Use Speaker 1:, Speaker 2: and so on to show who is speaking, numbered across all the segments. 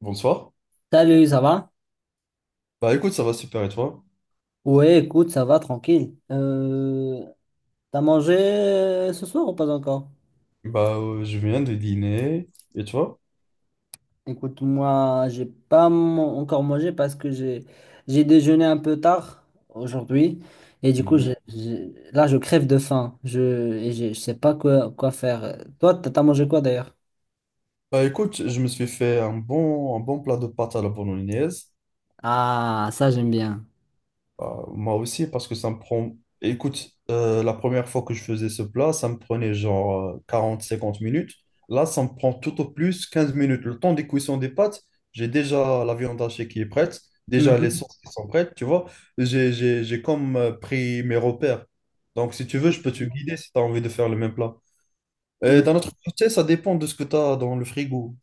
Speaker 1: Bonsoir.
Speaker 2: Salut, ça va?
Speaker 1: Bah écoute, ça va super et toi?
Speaker 2: Ouais, écoute, ça va, tranquille. T'as mangé ce soir ou pas encore?
Speaker 1: Bah je viens de dîner et toi?
Speaker 2: Écoute, moi, j'ai pas mon- encore mangé parce que j'ai déjeuné un peu tard aujourd'hui. Et du coup,
Speaker 1: Mhm.
Speaker 2: là, je crève de faim. Je sais pas quoi faire. Toi, t'as mangé quoi d'ailleurs?
Speaker 1: Bah écoute, je me suis fait un bon plat de pâtes à la bolognaise.
Speaker 2: Ah, ça, j'aime bien.
Speaker 1: Bah, moi aussi parce que ça me prend. Écoute, la première fois que je faisais ce plat, ça me prenait genre 40 50 minutes. Là, ça me prend tout au plus 15 minutes. Le temps des cuissons des pâtes, j'ai déjà la viande hachée qui est prête, déjà les sauces qui sont prêtes, tu vois. J'ai comme pris mes repères. Donc si tu veux, je peux te guider si tu as envie de faire le même plat.
Speaker 2: Mhm.
Speaker 1: D'un autre côté, ça dépend de ce que tu as dans le frigo.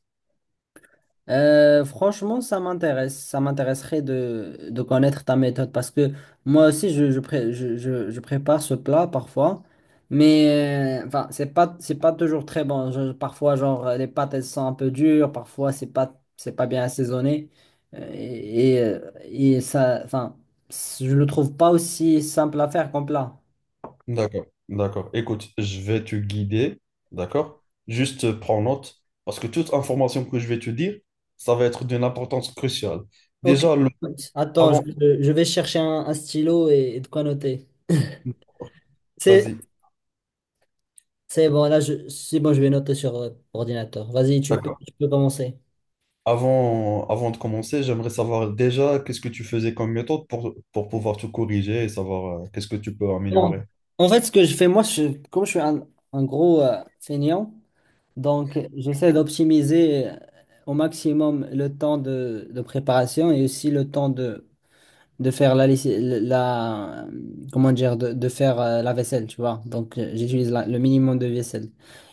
Speaker 2: Franchement, ça m'intéresse. Ça m'intéresserait de connaître ta méthode parce que moi aussi, je prépare ce plat parfois, mais enfin, c'est pas toujours très bon. Je- parfois, genre, les pâtes, elles sont un peu dures, parfois, c'est pas bien assaisonné. Et ça, enfin, je le trouve pas aussi simple à faire comme plat.
Speaker 1: D'accord, d'accord. Écoute, je vais te guider, d'accord? Juste prends note, parce que toute information que je vais te dire, ça va être d'une importance cruciale.
Speaker 2: Ok,
Speaker 1: Déjà,
Speaker 2: attends,
Speaker 1: avant,
Speaker 2: je vais chercher un stylo et de quoi noter. C'est
Speaker 1: vas-y,
Speaker 2: C'est bon, là, c'est bon, je vais noter sur ordinateur. Vas-y,
Speaker 1: d'accord.
Speaker 2: tu peux commencer.
Speaker 1: Avant de commencer, j'aimerais savoir déjà qu'est-ce que tu faisais comme méthode pour, pouvoir te corriger et savoir qu'est-ce que tu peux
Speaker 2: Bon.
Speaker 1: améliorer.
Speaker 2: En fait, ce que je fais, moi, comme je suis un gros feignant, donc j'essaie d'optimiser au maximum le temps de préparation et aussi le temps de faire la, laiss- la comment dire de faire la vaisselle tu vois donc j'utilise le minimum de vaisselle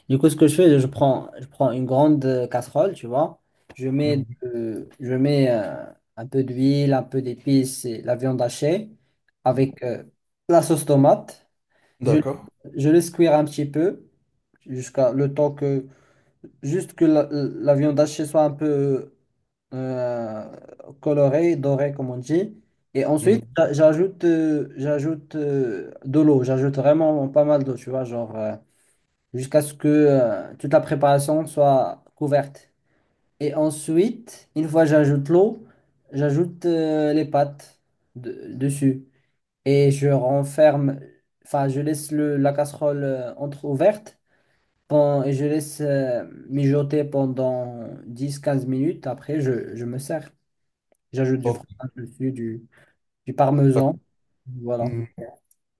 Speaker 2: du coup ce que je fais je prends une grande casserole tu vois
Speaker 1: Mhm.
Speaker 2: je mets un peu d'huile un peu d'épices et la viande hachée avec la sauce tomate je,
Speaker 1: D'accord.
Speaker 2: je le cuire un petit peu jusqu'à le temps que juste que la viande hachée soit un peu euh, colorée, dorée, comme on dit. Et ensuite,
Speaker 1: Mhm.
Speaker 2: j'ajoute de l'eau. J'ajoute vraiment pas mal d'eau, tu vois, genre jusqu'à ce que toute la préparation soit couverte. Et ensuite, une fois j'ajoute l'eau, j'ajoute les pâtes dessus. Et je renferme, enfin, je laisse la casserole entre-ouverte. Bon, et je laisse mijoter pendant 10 15 minutes. Après, je me sers. J'ajoute du fromage dessus, du parmesan.
Speaker 1: Ok.
Speaker 2: Voilà.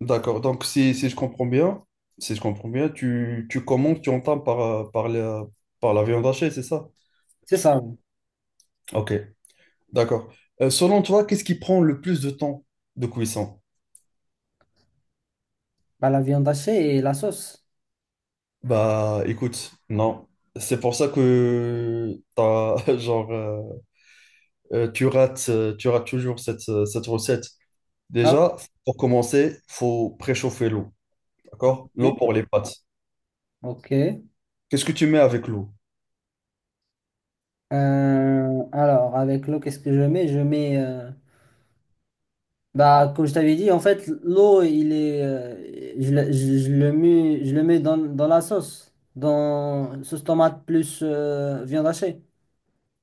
Speaker 1: D'accord. Donc, si, si je comprends bien, si je comprends bien, tu commandes, tu entames par la viande hachée, c'est ça?
Speaker 2: C'est ça. Ouais.
Speaker 1: Ok, d'accord. Selon toi, qu'est-ce qui prend le plus de temps de cuisson?
Speaker 2: Bah, la viande hachée et la sauce.
Speaker 1: Bah, écoute, non. C'est pour ça que t'as, genre, tu rates toujours cette recette.
Speaker 2: Ah,
Speaker 1: Déjà, pour commencer, faut préchauffer l'eau, d'accord?
Speaker 2: ouais,
Speaker 1: L'eau pour les pâtes.
Speaker 2: ok. Ok.
Speaker 1: Qu'est-ce que tu mets avec l'eau?
Speaker 2: Alors, avec l'eau, qu'est-ce que je mets? Je mets, bah, comme je t'avais dit, en fait, l'eau, il est, je le mets dans la sauce, dans sauce tomate plus viande hachée.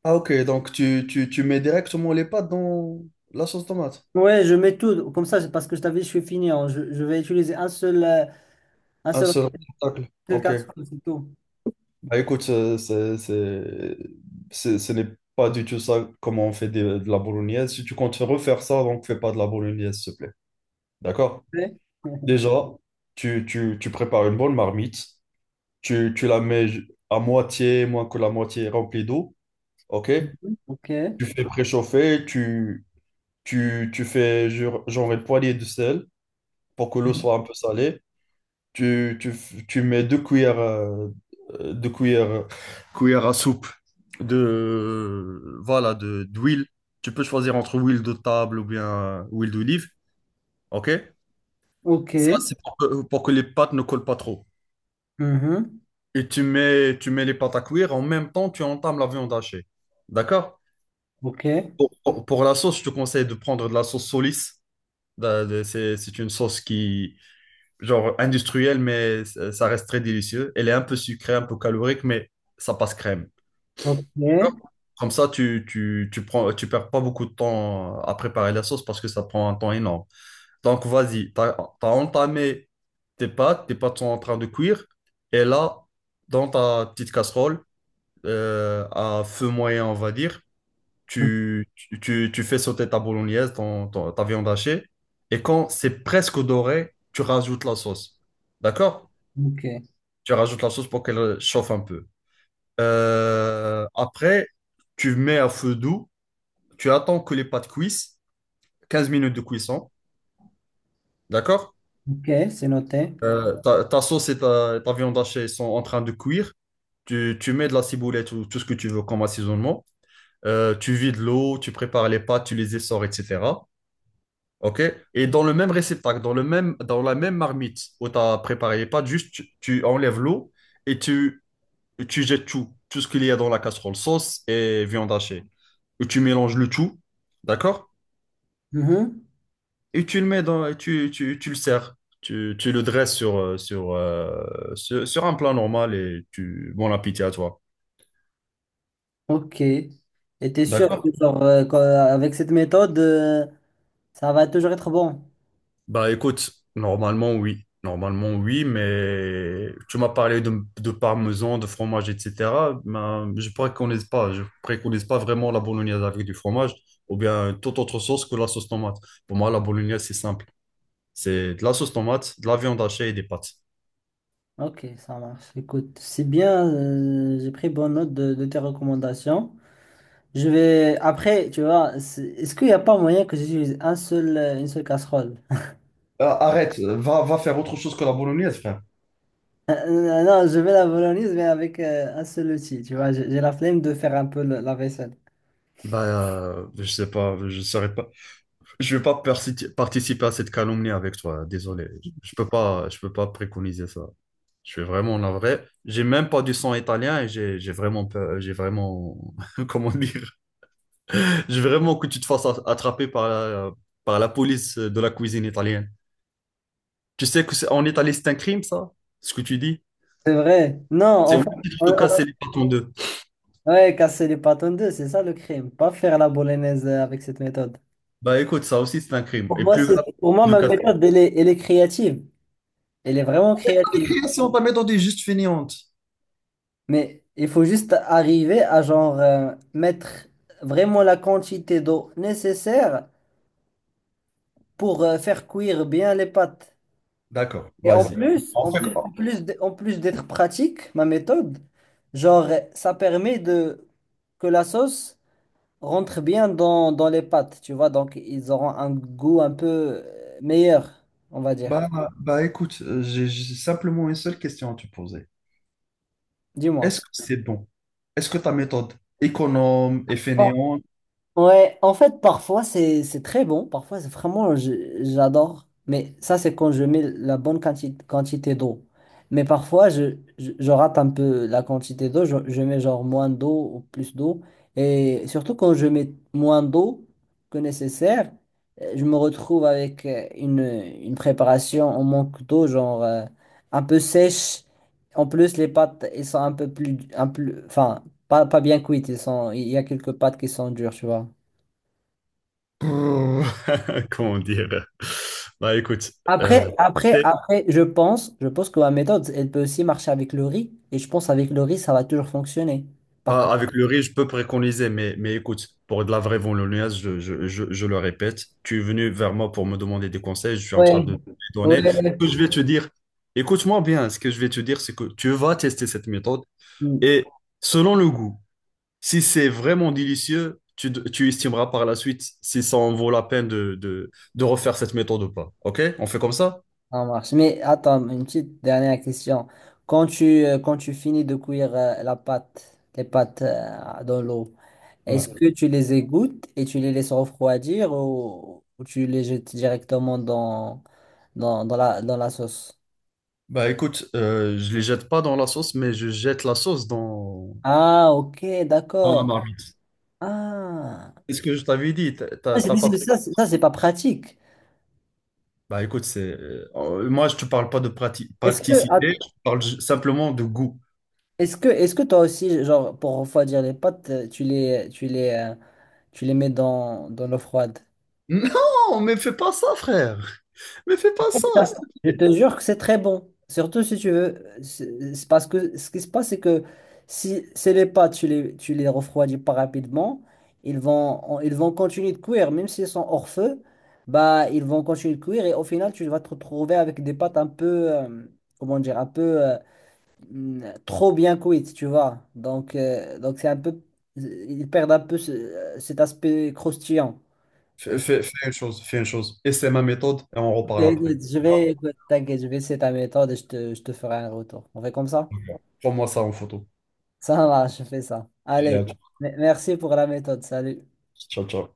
Speaker 1: Ah, ok, donc tu mets directement les pâtes dans la sauce tomate.
Speaker 2: Ouais, je mets tout. Comme ça, c'est parce que je t'avais dit, je suis fini, hein. Je vais utiliser un seul, un
Speaker 1: Un
Speaker 2: seul,
Speaker 1: seul obstacle.
Speaker 2: seul
Speaker 1: Ok.
Speaker 2: carton, c'est tout.
Speaker 1: Bah écoute, ce n'est pas du tout ça comment on fait de la bolognaise. Si tu comptes refaire ça, donc fais pas de la bolognaise, s'il te plaît. D'accord? Déjà, tu prépares une bonne marmite. Tu la mets à moitié, moins que la moitié remplie d'eau. Ok?
Speaker 2: Ok.
Speaker 1: Tu fais préchauffer. Tu fais genre une poignée de sel pour que l'eau soit
Speaker 2: Mhm.
Speaker 1: un peu salée. Tu mets deux cuillères à soupe de, voilà, d'huile. Tu peux choisir entre huile de table ou bien huile d'olive. OK?
Speaker 2: Ok.
Speaker 1: Ça,
Speaker 2: Ok.
Speaker 1: c'est pour que les pâtes ne collent pas trop.
Speaker 2: Mhm.
Speaker 1: Et tu mets les pâtes à cuire. En même temps, tu entames la viande hachée. D'accord?
Speaker 2: Ok.
Speaker 1: Pour la sauce, je te conseille de prendre de la sauce Solis. C'est une sauce qui, genre industrielle, mais ça reste très délicieux. Elle est un peu sucrée, un peu calorique, mais ça passe crème.
Speaker 2: Ok.
Speaker 1: D'accord.
Speaker 2: Mhm.
Speaker 1: Comme ça, tu perds pas beaucoup de temps à préparer la sauce parce que ça prend un temps énorme. Donc, vas-y, tu as entamé tes pâtes, sont en train de cuire, et là, dans ta petite casserole, à feu moyen, on va dire, tu fais sauter ta bolognaise, ta viande hachée, et quand c'est presque doré, tu rajoutes la sauce. D'accord?
Speaker 2: Ok.
Speaker 1: Tu rajoutes la sauce pour qu'elle chauffe un peu. Après, tu mets à feu doux. Tu attends que les pâtes cuissent. 15 minutes de cuisson. D'accord?
Speaker 2: Ok. C'est noté.
Speaker 1: Ta sauce et ta viande hachée sont en train de cuire. Tu mets de la ciboulette ou tout ce que tu veux comme assaisonnement. Tu vides l'eau, tu prépares les pâtes, tu les essores, etc. OK? Et dans le même réceptacle, dans la même marmite où tu as préparé les pâtes, juste tu enlèves l'eau et tu Et tu jettes tout ce qu'il y a dans la casserole, sauce et viande hachée. Et tu mélanges le tout, d'accord?
Speaker 2: Mhm.
Speaker 1: Et tu le sers. Tu le dresses sur un plat normal et bon appétit à toi.
Speaker 2: Ok. Et t'es sûr que
Speaker 1: D'accord?
Speaker 2: genre, avec cette méthode, ça va toujours être bon.
Speaker 1: Bah écoute, normalement oui. Normalement oui, mais tu m'as parlé de, parmesan, de fromage, etc. Ben, je préconise pas vraiment la bolognaise avec du fromage ou bien toute autre sauce que la sauce tomate. Pour moi, la bolognaise, c'est simple. C'est de la sauce tomate, de la viande hachée et des pâtes.
Speaker 2: Ok, ça marche. Écoute, c'est bien. J'ai pris bonne note de tes recommandations. Je vais après, tu vois, c'est- est-ce qu'il n'y a pas moyen que j'utilise un seul, une seule casserole?
Speaker 1: Arrête, va faire autre chose que la bolognaise, frère.
Speaker 2: Non, je vais la bolognaise, mais avec un seul outil, tu vois, j'ai la flemme de faire un peu la vaisselle.
Speaker 1: Bah, je sais pas, je saurais pas. Je vais pas participer à cette calomnie avec toi, désolé. Je peux pas préconiser ça. Je suis vraiment navré. J'ai même pas du sang italien et j'ai vraiment peur, comment dire, j'ai vraiment que tu te fasses attraper par la, police de la cuisine italienne. Tu sais que c'est, en Italie, c'est un crime, ça, ce que tu dis.
Speaker 2: C'est vrai. Non,
Speaker 1: C'est au
Speaker 2: enfin,
Speaker 1: même titre de
Speaker 2: on-
Speaker 1: casser les pâtes en deux.
Speaker 2: ouais, casser les pâtes en deux, c'est ça le crime, pas faire la bolognaise avec cette méthode.
Speaker 1: Bah écoute, ça aussi c'est un crime.
Speaker 2: Pour
Speaker 1: Et
Speaker 2: moi,
Speaker 1: plus grave
Speaker 2: pour moi,
Speaker 1: de
Speaker 2: ma
Speaker 1: casser.
Speaker 2: méthode, elle est créative, elle est vraiment
Speaker 1: Pas de
Speaker 2: créative,
Speaker 1: création, pas mettre dans des juste fainéantes.
Speaker 2: mais il faut juste arriver à genre mettre vraiment la quantité d'eau nécessaire pour faire cuire bien les pâtes.
Speaker 1: D'accord,
Speaker 2: Et en ouais,
Speaker 1: vas-y.
Speaker 2: plus,
Speaker 1: En fait, oh,
Speaker 2: en plus d'être pratique, ma méthode, genre, ça permet de que la sauce rentre bien dans les pâtes, tu vois, donc ils auront un goût un peu meilleur, on va dire.
Speaker 1: Bah, bah écoute, j'ai simplement une seule question à te poser.
Speaker 2: Dis-moi.
Speaker 1: Est-ce que c'est bon? Est-ce que ta méthode économe et fainéante,
Speaker 2: Ouais, en fait, parfois c'est très bon, parfois c'est vraiment j'adore, mais ça c'est quand je mets la bonne quantité d'eau. Mais parfois je rate un peu la quantité d'eau, je mets genre moins d'eau ou plus d'eau. Et surtout quand je mets moins d'eau que nécessaire, je me retrouve avec une préparation en manque d'eau, genre un peu sèche. En plus, les pâtes, elles sont un peu plus, un plus, enfin, pas bien cuites, ils sont, il y a quelques pâtes qui sont dures, tu vois.
Speaker 1: brrr, comment dire? Bah écoute, euh, c'est.
Speaker 2: Après, je pense que ma méthode, elle peut aussi marcher avec le riz. Et je pense avec le riz, ça va toujours fonctionner. Par contre.
Speaker 1: Ah, avec le riz, je peux préconiser, mais, écoute, pour de la vraie bolognaise, je le répète, tu es venu vers moi pour me demander des conseils, je suis en train
Speaker 2: Ouais,
Speaker 1: de te les donner. Ce
Speaker 2: ouais.
Speaker 1: que je vais te dire, écoute-moi bien, ce que je vais te dire, c'est que tu vas tester cette méthode
Speaker 2: Hmm.
Speaker 1: et selon le goût, si c'est vraiment délicieux, tu estimeras par la suite si ça en vaut la peine de, refaire cette méthode ou pas. OK? On fait comme ça?
Speaker 2: Ça marche. Mais attends, une petite dernière question. Quand tu finis de cuire les pâtes dans l'eau, est-ce
Speaker 1: Ouais.
Speaker 2: que tu les égouttes et tu les laisses refroidir ou tu les jettes directement dans la sauce?
Speaker 1: Bah écoute, je les jette pas dans la sauce, mais je jette la sauce dans,
Speaker 2: Ah, ok,
Speaker 1: dans la
Speaker 2: d'accord.
Speaker 1: marmite.
Speaker 2: Ah,
Speaker 1: C'est ce que je t'avais dit, t'as
Speaker 2: Ah,
Speaker 1: t'as-
Speaker 2: c'est-
Speaker 1: t'as
Speaker 2: mais
Speaker 1: pas.
Speaker 2: ça c'est pas pratique.
Speaker 1: Bah écoute, c'est moi je te parle pas de
Speaker 2: Est-ce que,
Speaker 1: practicité,
Speaker 2: att-
Speaker 1: je te parle simplement de goût.
Speaker 2: est-ce que toi aussi, genre, pour refroidir les pâtes, tu les mets dans l'eau froide?
Speaker 1: Non, mais fais pas ça, frère. Mais fais pas ça,
Speaker 2: Ça,
Speaker 1: s'il te
Speaker 2: je
Speaker 1: plaît.
Speaker 2: te jure que c'est très bon. Surtout si tu veux. C'est parce que ce qui se passe, c'est que si c'est les pâtes, tu les refroidis pas rapidement, ils vont continuer de cuire. Même s'ils sont hors feu, bah, ils vont continuer de cuire. Et au final, tu vas te retrouver avec des pâtes un peu, comment dire, trop bien cuites, tu vois. Donc c'est un peu. Ils perdent un peu cet aspect croustillant.
Speaker 1: Fais une chose, fais une chose. Et c'est ma méthode et on
Speaker 2: Ok,
Speaker 1: reparle après.
Speaker 2: écoute, écoute, t'inquiète, je vais essayer ta méthode et je te ferai un retour. On fait comme ça?
Speaker 1: Prends-moi ça en photo.
Speaker 2: Ça marche, je fais ça.
Speaker 1: Allez,
Speaker 2: Allez,
Speaker 1: à tout.
Speaker 2: merci pour la méthode. Salut.
Speaker 1: Ciao, ciao.